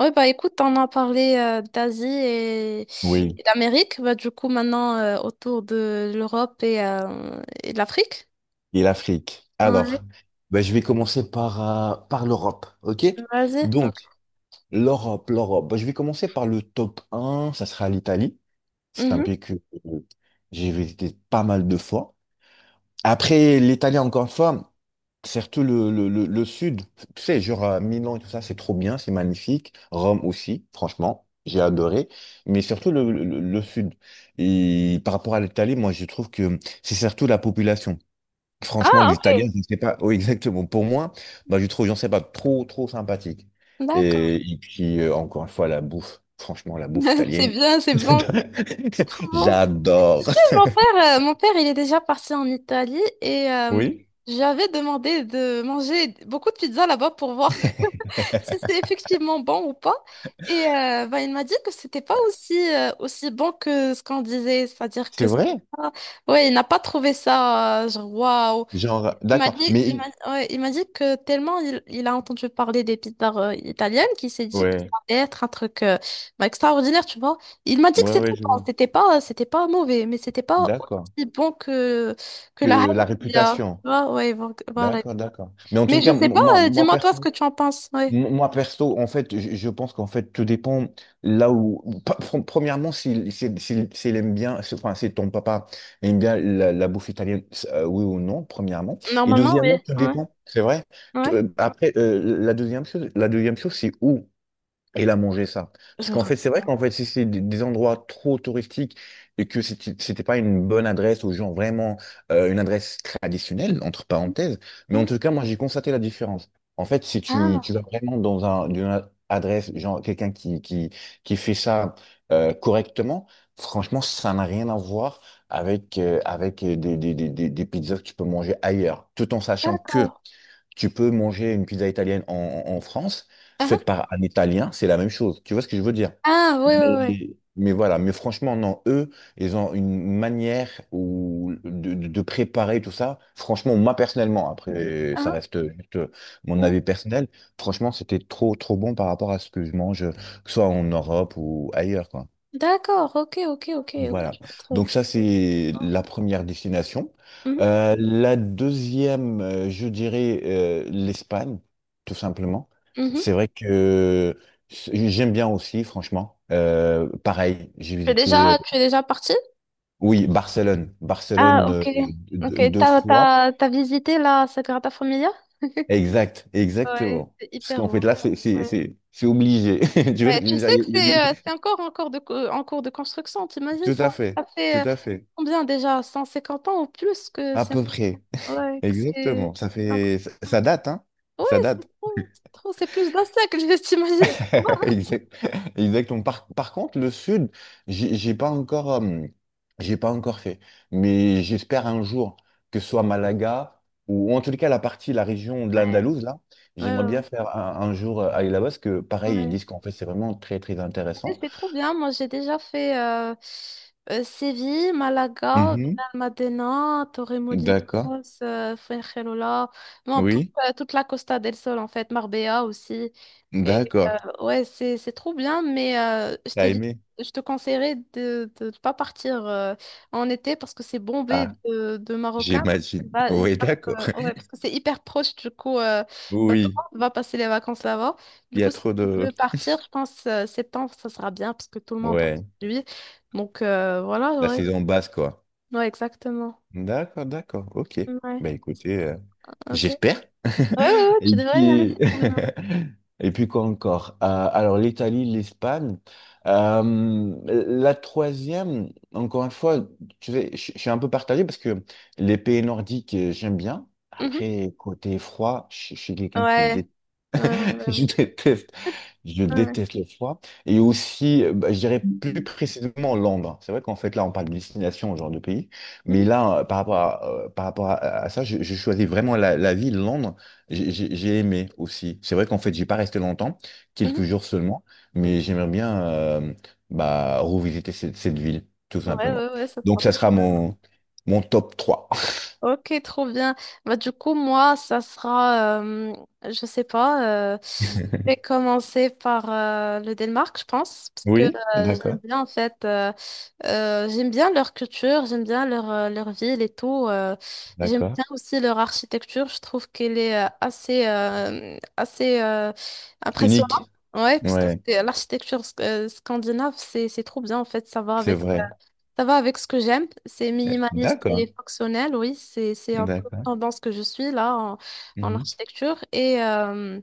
Oui, bah écoute, on a parlé d'Asie et, Oui, et d'Amérique. Bah, du coup, maintenant, autour de l'Europe et de l'Afrique. et l'Afrique. Alors, Ouais, ben, je vais commencer par l'Europe, ok? vas-y. Donc, Ok. l'Europe, l'Europe. Ben, je vais commencer par le top un, ça sera l'Italie. C'est un Mhm. pays que euh, j'ai visité pas mal de fois. Après, l'Italie, encore une fois, surtout le sud, tu sais, genre Milan et tout ça, c'est trop bien, c'est magnifique. Rome aussi, franchement, j'ai adoré. Mais surtout le sud. Et par rapport à l'Italie, moi, je trouve que c'est surtout la population. Franchement, Ah, les ok. Italiens, je ne sais pas. Oui, exactement. Pour moi, bah, je trouve, j'en sais pas, trop, trop sympathique. D'accord. Et puis, encore une fois, la bouffe. Franchement, la bouffe C'est italienne. bien, c'est bon, c'est trop bon. J'adore. Tu sais, mon père, il est déjà parti en Italie et Oui. j'avais demandé de manger beaucoup de pizza là-bas pour voir si c'est effectivement bon ou pas. Et bah, il m'a dit que c'était pas aussi bon que ce qu'on disait, c'est-à-dire que C'est c'est vrai? pas- ouais, il n'a pas trouvé ça, genre waouh. Genre, Il m'a d'accord. dit, il Mais, m'a ouais, il m'a dit que tellement il a entendu parler des pizzas italiennes qu'il s'est dit que ouais, ça allait être un truc bah, extraordinaire, tu vois. Il m'a dit que ouais, c'était ouais, je bon, vois. c'était pas mauvais, mais c'était pas D'accord. aussi bon que la Que la hype qu'il y a. réputation. Ouais, ouais, voilà. D'accord, d'accord. Mais en tout Mais cas, je sais pas, moi, moi, dis-moi toi ce perso. que tu en penses. Ouais. Moi, perso, en fait, je pense qu'en fait, tout dépend là où. Premièrement, s'il aime bien, enfin, si ton papa aime bien la bouffe italienne, oui ou non, premièrement. Et Normalement, oui. deuxièmement, tout Ouais, dépend, c'est vrai. Ouais. Après, la deuxième chose, c'est où. Et là, manger ça. Je Parce me qu'en rappelle. fait, c'est vrai qu'en fait, si c'est des endroits trop touristiques et que c'était pas une bonne adresse aux gens, vraiment une adresse traditionnelle, entre parenthèses, mais Mhm. en tout cas, moi, j'ai constaté la différence. En fait, si tu, Ah, tu vas vraiment dans une adresse, genre quelqu'un qui fait ça correctement, franchement, ça n'a rien à voir avec des pizzas que tu peux manger ailleurs, tout en sachant d'accord. que tu peux manger une pizza italienne en France, Ah, faite ah, par un Italien, c'est la même chose. Tu vois ce que je veux dire? ah, oui, Mais, oui, oui. mais voilà, mais franchement, non, eux, ils ont une manière où, de préparer tout ça. Franchement, moi personnellement, après, ça Ah, reste juste mon ouais. avis personnel, franchement, c'était trop, trop bon par rapport à ce que je mange, que ce soit en Europe ou ailleurs, quoi. D'accord, ok, ok, ok, ok, Voilà. je vois le Donc truc. ça, c'est la première destination. Mhm, La deuxième, je dirais l'Espagne, tout simplement. mhm. C'est vrai que j'aime bien aussi, franchement. Pareil, j'ai Tu es déjà, visité, tu es déjà parti? oui, Barcelone. Ah, Barcelone ok. Ok, deux t'as, fois. t'as, t'as visité la Sagrada Familia? Exact, Ouais, exactement. c'est Parce hyper qu'en fait, là, beau. c'est c'est- Ouais. c'est- c'est obligé. Tu vois ce Ouais, que je tu veux dire? sais que Il y a des- c'est encore en cours de construction, t'imagines Tout ça? à fait, Ça tout fait à fait. combien déjà? 150 ans ou plus que À c'est peu près. ouais, que c'est Exactement. Ça c'est en fait, ça construction. ça date, hein? Ouais, Ça date. C'est plus Bastia que je t'imagine. Exact- Exactement. Par contre, le sud, j'ai j'ai pas encore, euh, j'ai pas encore fait. Mais j'espère un jour que ce soit Malaga ou, en tout cas la partie, la région de Ouais. l'Andalouse, là, Ouais, j'aimerais ouais, bien ouais. faire un jour aller là-bas parce que, pareil, ils Ouais. disent qu'en fait, c'est vraiment très, très Ouais, intéressant. c'est trop bien. Moi, j'ai déjà fait Séville, Malaga, Mhm. Benalmádena, Torremolinos, D'accord. Fuengirola. Bon, tout, Oui. euh, toute la Costa del Sol, en fait, Marbella aussi. D'accord. Ouais, c'est trop bien, mais T'as aimé? je te conseillerais de ne pas partir en été parce que c'est bombé Ah, de Marocains. j'imagine. Bah, ils Oui, partent, d'accord. Ouais, parce que c'est hyper proche, du coup, bah, tout Oui. le monde va passer les vacances là-bas. Du Il y coup, a si tu trop de. veux partir, je pense septembre, ça sera bien parce que tout le monde rentre Ouais. chez lui. Donc voilà, La ouais. saison basse, quoi. Ouais, exactement. D'accord, d'accord. Ok. Ouais, Bah écoutez. Ok. Ouais, J'espère. ouais, ouais, tu Et devrais y aller, puis, c'est trop bien. et puis quoi encore? Alors, l'Italie, l'Espagne. La troisième, encore une fois, tu sais, je suis un peu partagé parce que les pays nordiques, j'aime bien. Mhm. Après, côté froid, je suis quelqu'un qui Ouais. Ouais, ouais, je ouais. déteste, je Ouais. déteste le froid. Et aussi, bah, je dirais plus précisément Londres. C'est vrai qu'en fait, là, on parle de destination, genre de pays. Mhm. Mais là, par rapport à ça, je choisis vraiment la ville, Londres. J'ai aimé aussi. C'est vrai qu'en fait, j'ai pas resté longtemps, quelques jours seulement. Mhm. Mais j'aimerais bien bah, revisiter cette ville, tout Ouais, simplement. ouais, ouais, ça Donc, sera ça trop sera bien. mon top trois. Ok, trop bien. Bah, du coup, moi, ça sera, je sais pas, je vais commencer par le Danemark, je pense, parce que Oui, j'aime d'accord, bien, en fait, j'aime bien leur culture, j'aime bien leur ville et tout. J'aime d'accord. bien aussi leur architecture, je trouve qu'elle est assez impressionnante. Unique. Ouais, parce que Ouais, l'architecture scandinave, c'est trop bien, en fait, ça va c'est avec vrai. ça va avec ce que j'aime, c'est Eh, minimaliste et d'accord, fonctionnel, oui, c'est un peu la d'accord. tendance que je suis là en Mhm. architecture. Et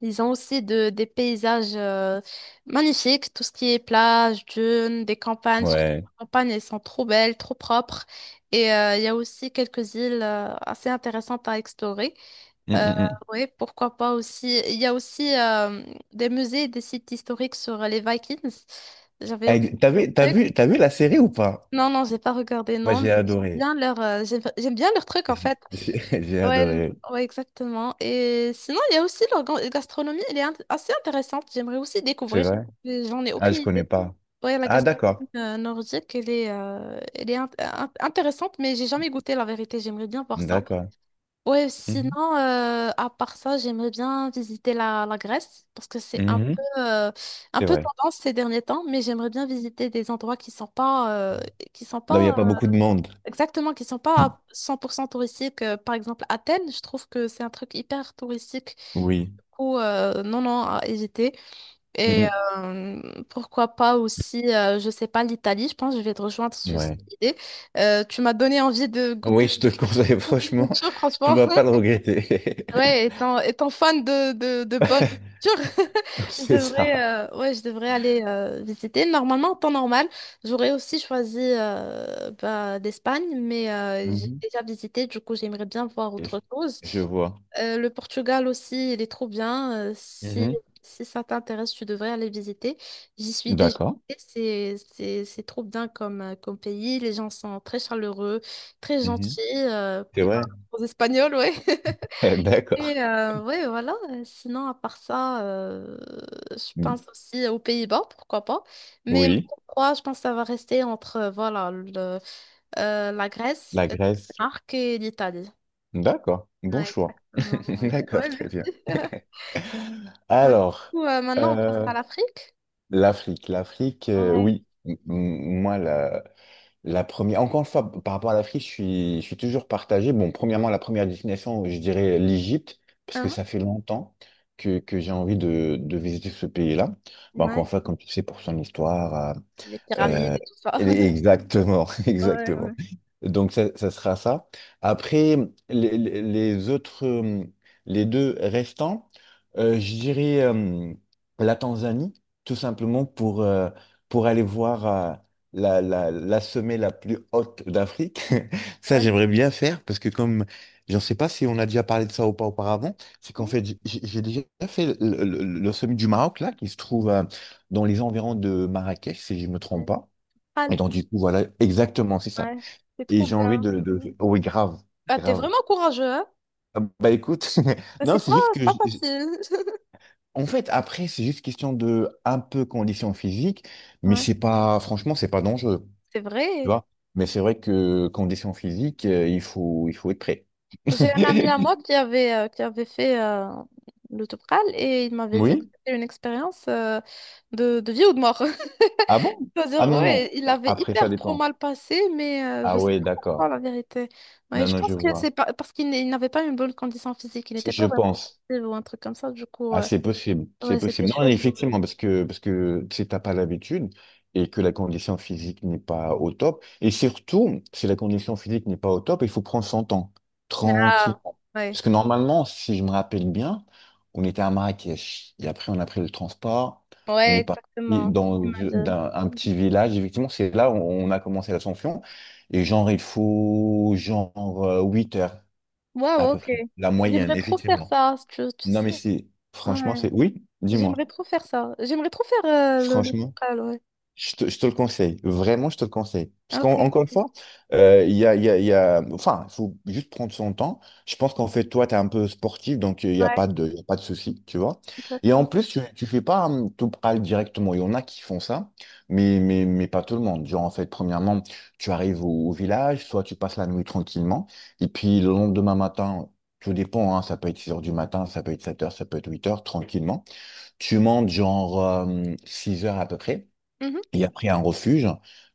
ils ont aussi des paysages magnifiques, tout ce qui est plage, dunes, des campagnes, surtout les Ouais. campagnes, elles sont trop belles, trop propres. Et il y a aussi quelques îles assez intéressantes à explorer. Mm, Euh, mm, mm. oui, pourquoi pas aussi. Il y a aussi des musées, et des sites historiques sur les Vikings. J'avais oublié. Eh, T'as vu la série ou pas? Non, non, j'ai pas regardé, Moi, non, mais j'ai adoré. J'aime bien leur truc en fait. J'ai j'ai Ouais, adoré. ouais, exactement. Et sinon, il y a aussi leur gastronomie, elle est assez intéressante. J'aimerais aussi C'est découvrir, vrai? mais j'en ai Ah, aucune je connais idée. pas. Ouais, la Ah, gastronomie d'accord. Nordique, elle est intéressante, mais j'ai jamais goûté la vérité. J'aimerais bien voir ça. D'accord. Ouais, sinon, Mhm. À part ça, j'aimerais bien visiter la Grèce parce que c'est un peu, Mhm. euh, un C'est peu vrai. tendance ces derniers temps, mais j'aimerais bien visiter des endroits qui sont pas, euh, qui sont Là où il n'y a pas pas beaucoup de monde. exactement, qui sont pas à 100% touristiques. Par exemple, Athènes, je trouve que c'est un truc hyper touristique. Oui. Du coup, non, non, à éviter. Et Mhm. Pourquoi pas aussi, je sais pas, l'Italie, je pense que je vais te rejoindre sur cette Ouais. idée. Tu m'as donné envie de Oui, goûter je te le conseille, franchement, des choses, tu franchement. vas pas le regretter. Ouais, étant fan de bonne culture, je C'est devrais, ça. Ouais, je devrais aller visiter. Normalement, en temps normal, j'aurais aussi choisi bah, l'Espagne, mais j'ai Mhm. déjà visité, du coup, j'aimerais bien voir Je autre chose. je vois. Le Portugal aussi, il est trop bien. Si, Mhm. si ça t'intéresse, tu devrais aller visiter. J'y suis déjà D'accord. allée. C'est trop bien comme pays. Les gens sont très chaleureux, très Mhm. gentils. C'est Par vrai. rapport aux Espagnols, ouais. D'accord. Et ouais, voilà. Sinon, à part ça, je Mm. pense aussi aux Pays-Bas, pourquoi pas. Mais mon Oui, top 3, je pense que ça va rester entre voilà, la Grèce, la le Grèce. Danemark et l'Italie. D'accord, bon Ouais, choix. exactement. Ouais, D'accord, ouais, très bien. merci. Bah, du Alors, coup, maintenant, on passe euh, à l'Afrique. l'Afrique, l'Afrique, Ouais. oui, moi, la première, encore une fois, par rapport à l'Afrique, je suis toujours partagé. Bon, premièrement, la première destination, je dirais l'Égypte, parce que Hein. ça fait longtemps que j'ai envie de visiter ce pays-là. Bah, encore Ouais. une fois, comme tu sais, pour son histoire, Les pyramides euh, et tout ça. Exactement, Ouais, ouais. exactement. Donc ça sera ça. Après, les, les autres, les deux restants, je dirais la Tanzanie, tout simplement pour aller voir la sommet la plus haute d'Afrique. Ça, Ouais. j'aimerais bien faire parce que comme, je ne sais pas si on a déjà parlé de ça ou pas auparavant, c'est qu'en fait, j'ai déjà fait le, le sommet du Maroc, là, qui se trouve dans les environs de Marrakech, si je me trompe Ouais. pas. Ah, Et donc, du coup, voilà, exactement, c'est ça. ouais. C'est Et trop j'ai envie bien. de, Mm. Oui, grave, Ah, t'es grave. vraiment courageux, hein? Ah, bah écoute, non, C'est c'est pas, juste c'est que... pas je- facile. En fait, après, c'est juste question de un peu condition physique, mais Ouais. c'est pas... Franchement, c'est pas dangereux, C'est tu vrai. vois. Mais c'est vrai que condition physique, il faut être prêt. J'ai un ami à moi qui avait fait le Topral et il m'avait dit que Oui? c'était une expérience de vie ou de mort. Ah bon? Ah C'est-à-dire, non, non. ouais, il avait Après, ça hyper trop dépend. mal passé, mais je Ah sais ouais, pas d'accord. pourquoi la vérité. Ouais, Non, je non, je pense que c'est vois. pas, parce qu'il n'est- il n'avait pas une bonne condition physique, il n'était pas Je vraiment pense. sportif ou un truc comme ça, du coup, Ah, c'est possible, c'est ouais, c'était possible. Non, chaud mais pour lui. effectivement, parce que, tu sais, t'as pas l'habitude et que la condition physique n'est pas au top. Et surtout, si la condition physique n'est pas au top, il faut prendre son temps, Ah, tranquillement. ouais, Parce que normalement, si je me rappelle bien, on était à Marrakech et après on a pris le transport, on ouais, est parti exactement. Il dans m'a dit. un petit village. Effectivement, c'est là où on a commencé l'ascension. Et genre, il faut genre 8 heures à Waouh, peu ok. près, la moyenne, J'aimerais trop faire effectivement. ça, tu Non, mais sais. si, franchement, c'est. Ouais. Oui, dis-moi. J'aimerais trop faire ça. J'aimerais trop faire le Franchement, Trucal, ouais. je te le conseille. Vraiment, je te le conseille. Parce Ah, ok, qu'encore une ok. fois, il y a, il y a, il y a- Enfin, il faut juste prendre son temps. Je pense qu'en fait, toi, tu es un peu sportif, donc il n'y a Ouais, pas de, il y a pas de souci, tu vois. Et en exactement. plus, tu ne fais pas tout pral directement. Il y en a qui font ça, mais, pas tout le monde. Genre, en fait, premièrement, tu arrives au village, soit tu passes la nuit tranquillement, et puis le lendemain matin. Tout dépend, hein, ça peut être 6 heures du matin, ça peut être 7 heures, ça peut être 8 heures, tranquillement. Tu montes genre 6 heures à peu près, Mhm. et après un refuge,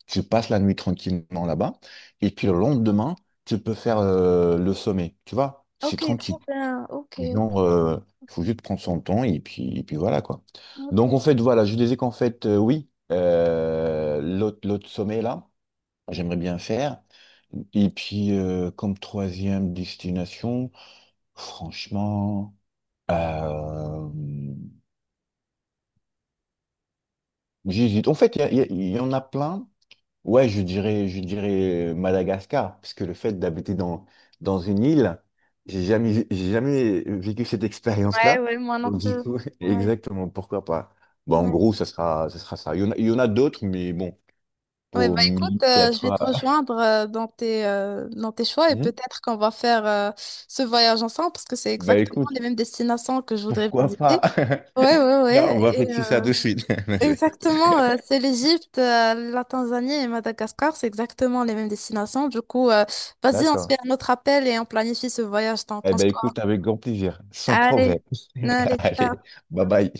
tu passes la nuit tranquillement là-bas, et puis le lendemain, tu peux faire le sommet, tu vois, c'est Ok, trop tranquille. bien. Ok, ok, Genre, faut juste prendre son temps, et puis voilà quoi. ok. Donc en fait, voilà, je disais qu'en fait, oui, l'autre sommet là, j'aimerais bien faire. Et puis, comme troisième destination, franchement, euh, j'hésite. En fait, il y en a plein. Ouais, je dirais Madagascar, parce que le fait d'habiter dans une île, j'ai jamais vécu cette Ouais, expérience-là. ouais, moi non Donc, du plus. coup, Ouais, exactement, pourquoi pas? Bah, en ouais. gros, ça sera ça. Il y en a d'autres, mais bon, Ouais, bah pour me écoute, limiter à je vais trois. te rejoindre dans tes choix et Mhm. peut-être qu'on va faire ce voyage ensemble parce que c'est Bah, exactement écoute, les mêmes destinations que je voudrais pourquoi visiter. pas? Ouais, ouais, Tiens, on va ouais. fixer ça de suite. Non, je rigole. Exactement, c'est l'Égypte, la Tanzanie et Madagascar, c'est exactement les mêmes destinations. Du coup, vas-y, on se fait D'accord. un autre appel et on planifie ce voyage, t'en Eh penses ben, quoi? écoute, avec grand plaisir, sans problème. Allez, allez, Allez, ciao. bye bye.